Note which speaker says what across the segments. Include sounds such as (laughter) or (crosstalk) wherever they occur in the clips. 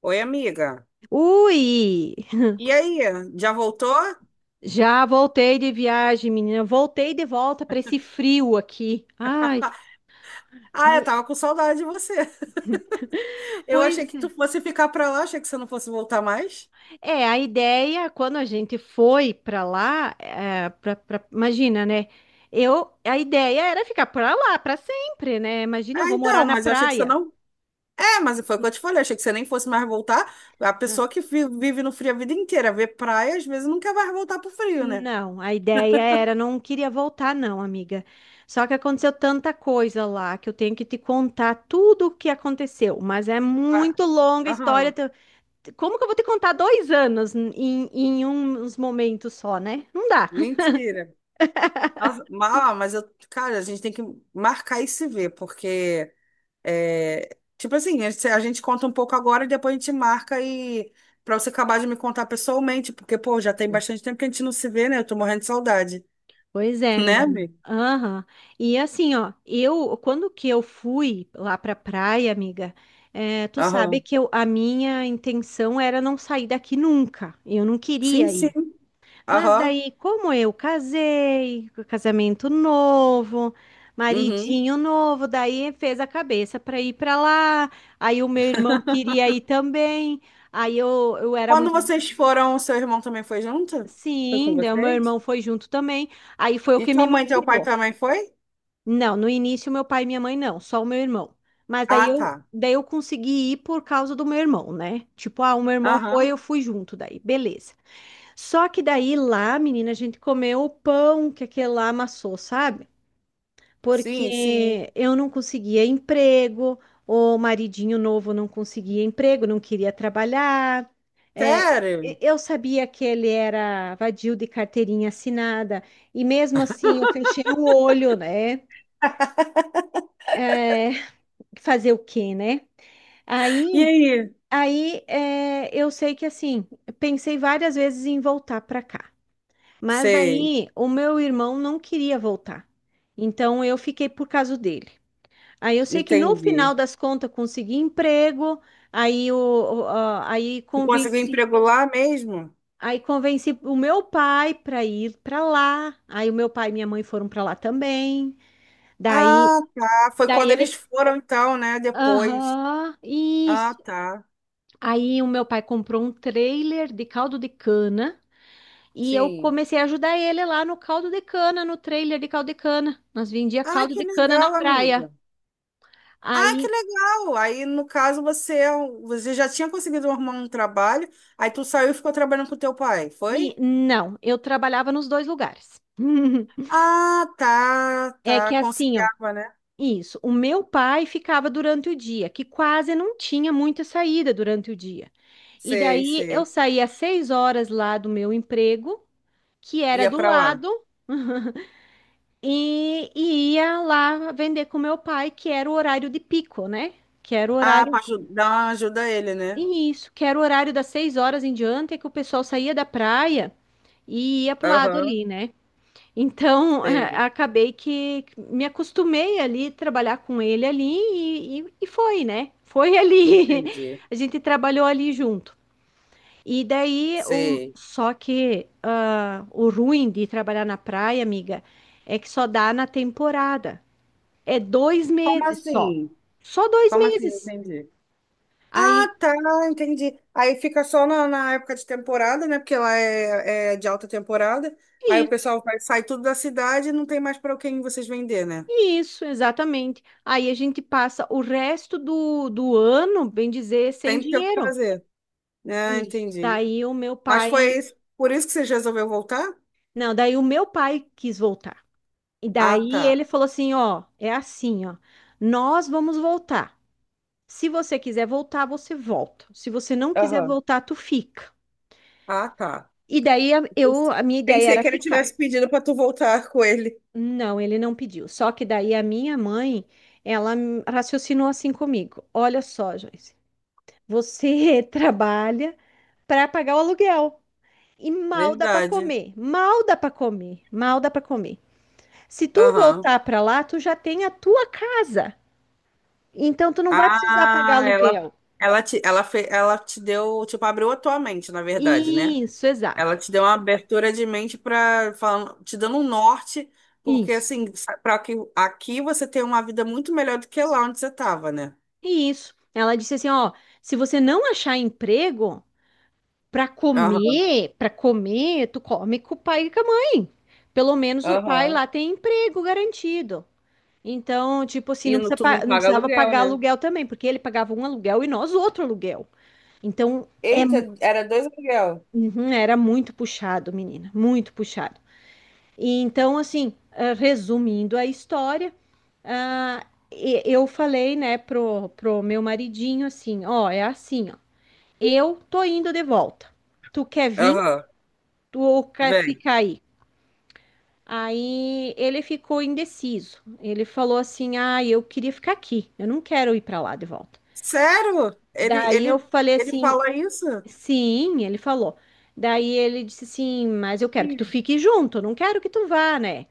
Speaker 1: Oi, amiga.
Speaker 2: Ui,
Speaker 1: E aí, já voltou?
Speaker 2: já voltei de viagem, menina. Voltei de volta para esse frio aqui. Ai,
Speaker 1: Ah, eu tava com saudade de você. (laughs) Eu achei
Speaker 2: pois
Speaker 1: que
Speaker 2: é.
Speaker 1: tu fosse ficar pra lá, achei que você não fosse voltar mais.
Speaker 2: É, a ideia, quando a gente foi para lá, é, imagina, né? A ideia era ficar para lá para sempre, né? Imagina, eu
Speaker 1: Ah,
Speaker 2: vou morar
Speaker 1: então,
Speaker 2: na
Speaker 1: mas eu achei que você
Speaker 2: praia.
Speaker 1: não. É, mas foi o que eu te falei, achei que você nem fosse mais voltar. A
Speaker 2: Ah,
Speaker 1: pessoa que vive no frio a vida inteira, vê praia, às vezes nunca vai voltar pro frio, né?
Speaker 2: não, a ideia era, não queria voltar, não, amiga. Só que aconteceu tanta coisa lá que eu tenho que te contar tudo o que aconteceu, mas é
Speaker 1: Ah,
Speaker 2: muito longa a história.
Speaker 1: aham,
Speaker 2: Como que eu vou te contar 2 anos em uns momentos só, né? Não dá.
Speaker 1: mentira. Nossa, mas eu, cara, a gente tem que marcar e se ver, porque é, tipo assim, a gente conta um pouco agora e depois a gente marca e para você acabar de me contar pessoalmente, porque, pô, já tem bastante tempo que a gente não se vê, né? Eu tô morrendo de saudade.
Speaker 2: Pois é,
Speaker 1: (laughs) Né,
Speaker 2: menina.
Speaker 1: Bi?
Speaker 2: Aham. E assim, ó, eu, quando que eu fui lá pra praia, amiga, é, tu sabe
Speaker 1: Aham.
Speaker 2: que eu, a minha intenção era não sair daqui nunca. Eu não
Speaker 1: Sim,
Speaker 2: queria
Speaker 1: sim.
Speaker 2: ir. Mas
Speaker 1: Aham.
Speaker 2: daí, como eu casei, casamento novo,
Speaker 1: Uhum.
Speaker 2: maridinho novo, daí fez a cabeça para ir para lá. Aí o meu irmão queria ir também. Aí eu era
Speaker 1: Quando
Speaker 2: muito.
Speaker 1: vocês foram, o seu irmão também foi junto? Foi com
Speaker 2: Sim, daí o meu irmão
Speaker 1: vocês?
Speaker 2: foi junto também. Aí foi o
Speaker 1: E
Speaker 2: que me
Speaker 1: tua mãe e teu pai
Speaker 2: motivou.
Speaker 1: também foi?
Speaker 2: Não, no início meu pai e minha mãe não, só o meu irmão. Mas daí
Speaker 1: Ah, tá.
Speaker 2: eu consegui ir por causa do meu irmão, né? Tipo, ah, o meu irmão foi, eu
Speaker 1: Aham.
Speaker 2: fui junto daí, beleza. Só que daí lá, menina, a gente comeu o pão que aquele lá amassou, sabe?
Speaker 1: Sim, sim.
Speaker 2: Porque eu não conseguia emprego, o maridinho novo não conseguia emprego, não queria trabalhar. É,
Speaker 1: Sério?
Speaker 2: eu sabia que ele era vadio de carteirinha assinada, e mesmo assim eu fechei o olho, né? É, fazer o quê, né?
Speaker 1: E
Speaker 2: Aí,
Speaker 1: aí?
Speaker 2: aí, é, eu sei que assim, pensei várias vezes em voltar para cá, mas
Speaker 1: Sei,
Speaker 2: daí o meu irmão não queria voltar, então eu fiquei por causa dele. Aí eu sei que no
Speaker 1: entendi.
Speaker 2: final das contas consegui emprego. aí, o, o- a- aí
Speaker 1: E conseguiu
Speaker 2: convenci,
Speaker 1: emprego lá mesmo?
Speaker 2: aí convenci o meu pai para ir para lá. Aí o meu pai e minha mãe foram para lá também. Daí,
Speaker 1: Ah, tá. Foi
Speaker 2: daí
Speaker 1: quando
Speaker 2: ele,
Speaker 1: eles foram, então, né? Depois.
Speaker 2: aham,
Speaker 1: Ah,
Speaker 2: isso.
Speaker 1: tá.
Speaker 2: Aí o meu pai comprou um trailer de caldo de cana e eu
Speaker 1: Sim.
Speaker 2: comecei a ajudar ele lá no caldo de cana, no trailer de caldo de cana. Nós vendia
Speaker 1: Ah,
Speaker 2: caldo
Speaker 1: que
Speaker 2: de cana na
Speaker 1: legal,
Speaker 2: praia.
Speaker 1: amiga. Ah, que
Speaker 2: Aí,
Speaker 1: legal. Aí, no caso, você já tinha conseguido arrumar um trabalho, aí tu saiu e ficou trabalhando com teu pai,
Speaker 2: e
Speaker 1: foi?
Speaker 2: não, eu trabalhava nos dois lugares. (laughs)
Speaker 1: Ah, tá,
Speaker 2: É que
Speaker 1: tá.
Speaker 2: assim, ó,
Speaker 1: Conciliava, né?
Speaker 2: isso. O meu pai ficava durante o dia, que quase não tinha muita saída durante o dia. E
Speaker 1: Sei,
Speaker 2: daí eu
Speaker 1: sei.
Speaker 2: saía às 6 horas lá do meu emprego, que era
Speaker 1: Ia
Speaker 2: do
Speaker 1: pra lá.
Speaker 2: lado, e ia lá vender com meu pai, que era o horário de pico, né? Que era o
Speaker 1: Ah, pra
Speaker 2: horário.
Speaker 1: ajudar, dar uma ajuda a ele, né?
Speaker 2: E isso, que era o horário das 6 horas em diante, é que o pessoal saía da praia e ia pro lado
Speaker 1: Aham,
Speaker 2: ali, né? Então, (laughs)
Speaker 1: sei.
Speaker 2: acabei que me acostumei ali, trabalhar com ele ali e foi, né? Foi ali. (laughs)
Speaker 1: Entendi.
Speaker 2: A gente trabalhou ali junto. E daí,
Speaker 1: Sei.
Speaker 2: só que ah, o ruim de trabalhar na praia, amiga, é que só dá na temporada. É dois
Speaker 1: Como
Speaker 2: meses só.
Speaker 1: assim?
Speaker 2: Só dois
Speaker 1: Como assim? Não
Speaker 2: meses.
Speaker 1: entendi.
Speaker 2: Aí,
Speaker 1: Ah, tá, entendi. Aí fica só na época de temporada, né? Porque lá é de alta temporada. Aí o
Speaker 2: i-
Speaker 1: pessoal vai, sai tudo da cidade e não tem mais para quem vocês vender, né?
Speaker 2: isso, exatamente. Aí a gente passa o resto do ano, bem dizer, sem
Speaker 1: Tem que ter o que
Speaker 2: dinheiro.
Speaker 1: fazer. Ah,
Speaker 2: Isso.
Speaker 1: entendi.
Speaker 2: Daí o meu
Speaker 1: Mas foi
Speaker 2: pai.
Speaker 1: isso, por isso que você resolveu voltar?
Speaker 2: Não, daí o meu pai quis voltar. E
Speaker 1: Ah,
Speaker 2: daí
Speaker 1: tá.
Speaker 2: ele falou assim: ó, é assim, ó. Nós vamos voltar. Se você quiser voltar, você volta. Se você não quiser
Speaker 1: Aham.
Speaker 2: voltar, tu fica.
Speaker 1: Ah, tá.
Speaker 2: E daí
Speaker 1: Eu pens-
Speaker 2: a minha ideia
Speaker 1: Pensei que
Speaker 2: era
Speaker 1: ele
Speaker 2: ficar.
Speaker 1: tivesse pedido para tu voltar (laughs) com ele.
Speaker 2: Não, ele não pediu. Só que daí a minha mãe, ela raciocinou assim comigo. Olha só, Joyce, você (laughs) trabalha para pagar o aluguel e mal dá para
Speaker 1: Verdade.
Speaker 2: comer, mal dá para comer, mal dá para comer. Se tu
Speaker 1: Aham.
Speaker 2: voltar para lá, tu já tem a tua casa. Então tu não vai precisar pagar
Speaker 1: Ah, ela,
Speaker 2: aluguel.
Speaker 1: ela te, ela fe, ela te deu, tipo, abriu a tua mente, na verdade, né?
Speaker 2: Isso,
Speaker 1: Ela
Speaker 2: exato.
Speaker 1: te deu uma abertura de mente para te dando um norte, porque
Speaker 2: Isso.
Speaker 1: assim, para que aqui você tem uma vida muito melhor do que lá onde você estava, né?
Speaker 2: Isso. Ela disse assim, ó, se você não achar emprego
Speaker 1: Aham,
Speaker 2: para comer, tu come com o pai e com a mãe. Pelo menos o pai
Speaker 1: aham.
Speaker 2: lá tem emprego garantido. Então, tipo assim,
Speaker 1: E
Speaker 2: não
Speaker 1: no,
Speaker 2: precisa
Speaker 1: tu não
Speaker 2: não
Speaker 1: paga
Speaker 2: precisava
Speaker 1: aluguel,
Speaker 2: pagar
Speaker 1: né?
Speaker 2: aluguel também, porque ele pagava um aluguel e nós outro aluguel. Então, é,
Speaker 1: Eita, era dois aluguel.
Speaker 2: uhum, era muito puxado, menina, muito puxado. E então, assim, ah, resumindo a história, ah, eu falei, né, pro meu maridinho assim, ó, é assim, ó, eu tô indo de volta. Tu quer vir,
Speaker 1: Aham,
Speaker 2: Ou quer
Speaker 1: vem.
Speaker 2: ficar aí? Aí ele ficou indeciso. Ele falou assim: "Ah, eu queria ficar aqui. Eu não quero ir para lá de volta".
Speaker 1: Sério? Ele,
Speaker 2: Daí eu
Speaker 1: ele,
Speaker 2: falei
Speaker 1: ele
Speaker 2: assim.
Speaker 1: fala isso?
Speaker 2: Sim, ele falou. Daí ele disse assim, mas eu quero que tu
Speaker 1: Sim.
Speaker 2: fique junto, eu não quero que tu vá, né?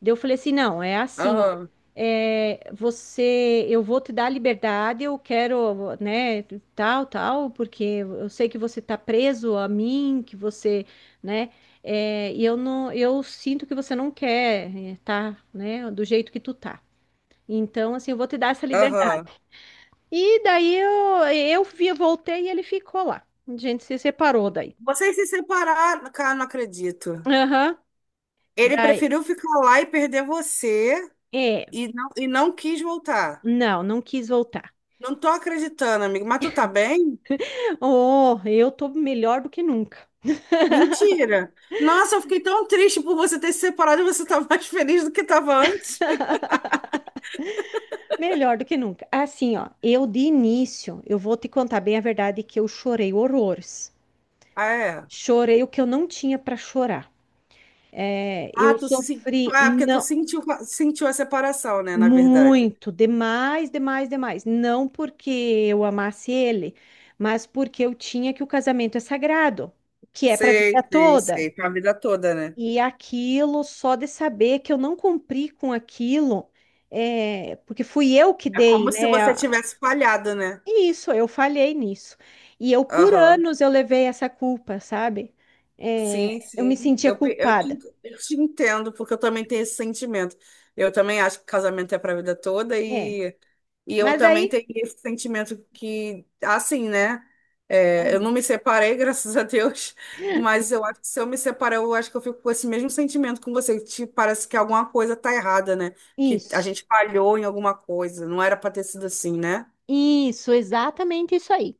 Speaker 2: Daí eu falei assim, não, é assim, ó.
Speaker 1: Aham,
Speaker 2: É, você, eu vou te dar liberdade, eu quero, né, tal, tal, porque eu sei que você tá preso a mim, que você, né, é, e eu sinto que você não quer, é, tá, né, do jeito que tu tá. Então, assim, eu vou te dar essa liberdade.
Speaker 1: aham.
Speaker 2: E daí eu voltei e ele ficou lá. A gente se separou daí.
Speaker 1: Vocês se separaram, cara, não acredito.
Speaker 2: Aham.
Speaker 1: Ele
Speaker 2: Daí,
Speaker 1: preferiu ficar lá e perder você
Speaker 2: é,
Speaker 1: e não quis voltar.
Speaker 2: não, não quis voltar.
Speaker 1: Não tô acreditando, amigo. Mas tu tá bem?
Speaker 2: Oh, eu tô melhor do que nunca.
Speaker 1: Mentira. Nossa, eu fiquei tão triste por você ter se separado e você tá mais (laughs) feliz do que tava antes.
Speaker 2: Melhor do que nunca. Assim, ó, eu de início, eu vou te contar bem a verdade que eu chorei horrores.
Speaker 1: Ah, é?
Speaker 2: Chorei o que eu não tinha pra chorar. É,
Speaker 1: Ah,
Speaker 2: eu sofri,
Speaker 1: É porque tu
Speaker 2: não.
Speaker 1: sentiu a separação, né, na verdade.
Speaker 2: Muito, demais, demais, demais. Não porque eu amasse ele, mas porque eu tinha que o casamento é sagrado, que é para a vida
Speaker 1: Sei, sei,
Speaker 2: toda.
Speaker 1: sei. Pra vida toda, né?
Speaker 2: E aquilo, só de saber que eu não cumpri com aquilo, é, porque fui eu que
Speaker 1: É
Speaker 2: dei,
Speaker 1: como se
Speaker 2: né?
Speaker 1: você tivesse falhado, né?
Speaker 2: É isso, eu falhei nisso. E eu, por
Speaker 1: Aham.
Speaker 2: anos, eu levei essa culpa, sabe? É,
Speaker 1: Sim,
Speaker 2: eu me
Speaker 1: sim.
Speaker 2: sentia
Speaker 1: Eu, pe- eu te,
Speaker 2: culpada.
Speaker 1: eu te entendo, porque eu também tenho esse sentimento. Eu também acho que casamento é pra vida toda.
Speaker 2: É,
Speaker 1: E eu
Speaker 2: mas
Speaker 1: também
Speaker 2: daí.
Speaker 1: tenho esse sentimento que, assim, né? É, eu não
Speaker 2: Aham.
Speaker 1: me separei, (laughs) graças a Deus, mas eu acho que se eu me separar, eu acho que eu fico com esse mesmo sentimento com você, que parece que alguma coisa tá errada, né? Que a
Speaker 2: Isso.
Speaker 1: gente falhou em alguma coisa, não era pra ter sido assim, né?
Speaker 2: Isso, exatamente isso aí.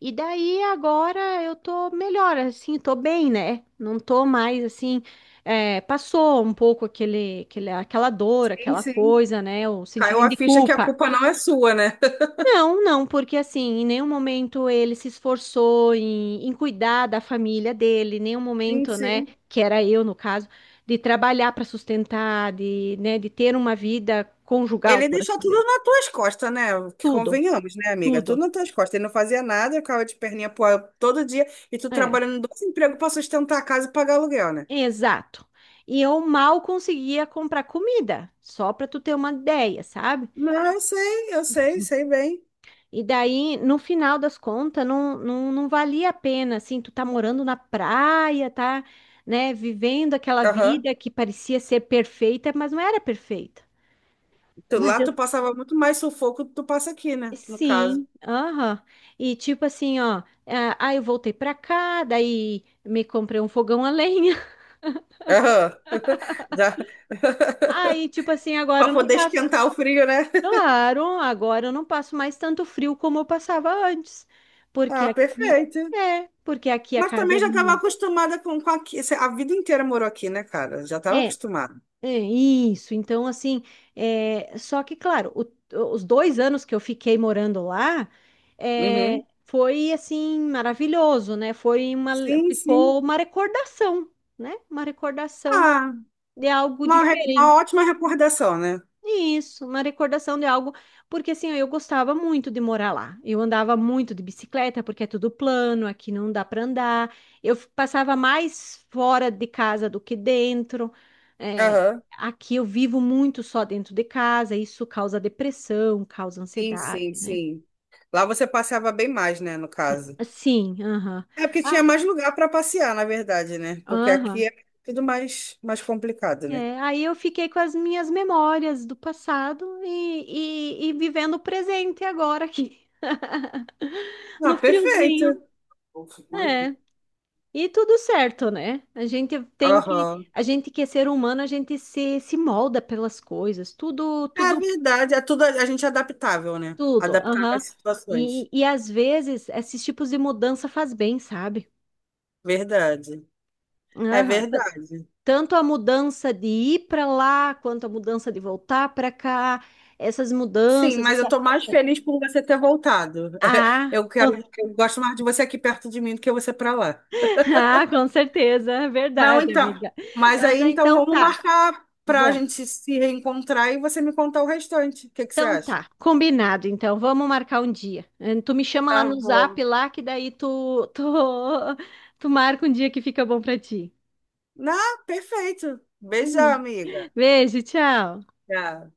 Speaker 2: E daí agora eu tô melhor, assim, tô bem, né? Não tô mais assim, é, passou um pouco aquela dor,
Speaker 1: Sim,
Speaker 2: aquela
Speaker 1: sim.
Speaker 2: coisa, né? O
Speaker 1: Caiu
Speaker 2: sentimento
Speaker 1: a
Speaker 2: de
Speaker 1: ficha que a
Speaker 2: culpa.
Speaker 1: culpa não é sua, né?
Speaker 2: Não, não, porque assim, em nenhum momento ele se esforçou em cuidar da família dele, em nenhum
Speaker 1: Sim,
Speaker 2: momento, né,
Speaker 1: sim.
Speaker 2: que era eu no caso, de trabalhar para sustentar, de, né, de ter uma vida conjugal,
Speaker 1: Ele
Speaker 2: por assim
Speaker 1: deixou tudo
Speaker 2: dizer.
Speaker 1: nas tuas costas, né? Que
Speaker 2: Tudo,
Speaker 1: convenhamos, né, amiga? Tudo
Speaker 2: tudo.
Speaker 1: nas tuas costas. Ele não fazia nada, eu ficava de perninha pro ar todo dia, e tu
Speaker 2: É.
Speaker 1: trabalhando em dois empregos pra sustentar a casa e pagar aluguel, né?
Speaker 2: Exato. E eu mal conseguia comprar comida, só para tu ter uma ideia, sabe?
Speaker 1: Não, eu sei, sei bem.
Speaker 2: E daí, no final das contas, não, não, não valia a pena, assim, tu tá morando na praia, tá, né, vivendo aquela
Speaker 1: Aham.
Speaker 2: vida que parecia ser perfeita, mas não era perfeita. Mas
Speaker 1: Lá
Speaker 2: eu,
Speaker 1: tu passava muito mais sufoco do que tu passa aqui, né? No caso.
Speaker 2: sim, aham. E tipo assim, ó, ah, aí eu voltei pra cá, daí me comprei um fogão a lenha. (laughs)
Speaker 1: Aham. (laughs) Já. (laughs)
Speaker 2: Aí, tipo assim, agora
Speaker 1: Pra
Speaker 2: eu não
Speaker 1: poder
Speaker 2: tá.
Speaker 1: esquentar o frio, né? (laughs)
Speaker 2: Claro, agora eu não passo mais tanto frio como eu passava antes, porque
Speaker 1: Ah,
Speaker 2: aqui
Speaker 1: perfeito.
Speaker 2: porque aqui a
Speaker 1: Mas
Speaker 2: casa
Speaker 1: também
Speaker 2: é
Speaker 1: já estava
Speaker 2: mu-,
Speaker 1: acostumada com aqui. A vida inteira morou aqui, né, cara? Já estava
Speaker 2: é,
Speaker 1: acostumada.
Speaker 2: é isso. Então assim, é, só que claro, os 2 anos que eu fiquei morando lá, é,
Speaker 1: Uhum.
Speaker 2: foi assim maravilhoso, né?
Speaker 1: Sim,
Speaker 2: Ficou
Speaker 1: sim.
Speaker 2: uma recordação, né? Uma recordação
Speaker 1: Ah,
Speaker 2: de algo
Speaker 1: uma
Speaker 2: diferente.
Speaker 1: ótima recordação, né?
Speaker 2: Isso, uma recordação de algo, porque assim, eu gostava muito de morar lá. Eu andava muito de bicicleta, porque é tudo plano, aqui não dá para andar. Eu passava mais fora de casa do que dentro. É,
Speaker 1: Aham.
Speaker 2: aqui eu vivo muito só dentro de casa, isso causa depressão, causa
Speaker 1: Sim,
Speaker 2: ansiedade,
Speaker 1: sim,
Speaker 2: né?
Speaker 1: sim. Lá você passeava bem mais, né, no caso.
Speaker 2: Sim, aham.
Speaker 1: É porque tinha
Speaker 2: Ah,
Speaker 1: mais lugar para passear, na verdade, né? Porque
Speaker 2: aham.
Speaker 1: aqui é tudo mais, mais complicado, né?
Speaker 2: É, aí eu fiquei com as minhas memórias do passado e vivendo o presente agora aqui. (laughs)
Speaker 1: Ah,
Speaker 2: No
Speaker 1: perfeito.
Speaker 2: friozinho. É. E tudo certo, né? A gente tem que,
Speaker 1: Aham.
Speaker 2: a gente que é ser humano, a gente se molda pelas coisas, tudo,
Speaker 1: É
Speaker 2: tudo,
Speaker 1: verdade, é tudo a gente é adaptável, né?
Speaker 2: tudo.
Speaker 1: Adaptável
Speaker 2: Aham.
Speaker 1: às situações.
Speaker 2: E às vezes esses tipos de mudança faz bem, sabe?
Speaker 1: Verdade. É
Speaker 2: Aham.
Speaker 1: verdade.
Speaker 2: Tanto a mudança de ir para lá, quanto a mudança de voltar para cá, essas
Speaker 1: Sim,
Speaker 2: mudanças,
Speaker 1: mas eu
Speaker 2: essa.
Speaker 1: tô mais feliz por você ter voltado. (laughs)
Speaker 2: Ah,
Speaker 1: Eu quero,
Speaker 2: com,
Speaker 1: eu gosto mais de você aqui perto de mim do que você para lá.
Speaker 2: (laughs) ah, com certeza, é
Speaker 1: Não,
Speaker 2: verdade,
Speaker 1: então.
Speaker 2: amiga.
Speaker 1: Mas
Speaker 2: Mas
Speaker 1: aí
Speaker 2: ah,
Speaker 1: então
Speaker 2: então
Speaker 1: vamos
Speaker 2: tá,
Speaker 1: marcar para a
Speaker 2: vamos.
Speaker 1: gente se reencontrar e você me contar o restante. O que que você
Speaker 2: Então
Speaker 1: acha?
Speaker 2: tá, combinado. Então vamos marcar um dia. Tu me chama lá
Speaker 1: Tá
Speaker 2: no
Speaker 1: bom.
Speaker 2: Zap lá que daí (laughs) tu marca um dia que fica bom pra ti.
Speaker 1: Não, perfeito. Beijão,
Speaker 2: Uhum.
Speaker 1: amiga.
Speaker 2: Beijo, tchau.
Speaker 1: Tchau.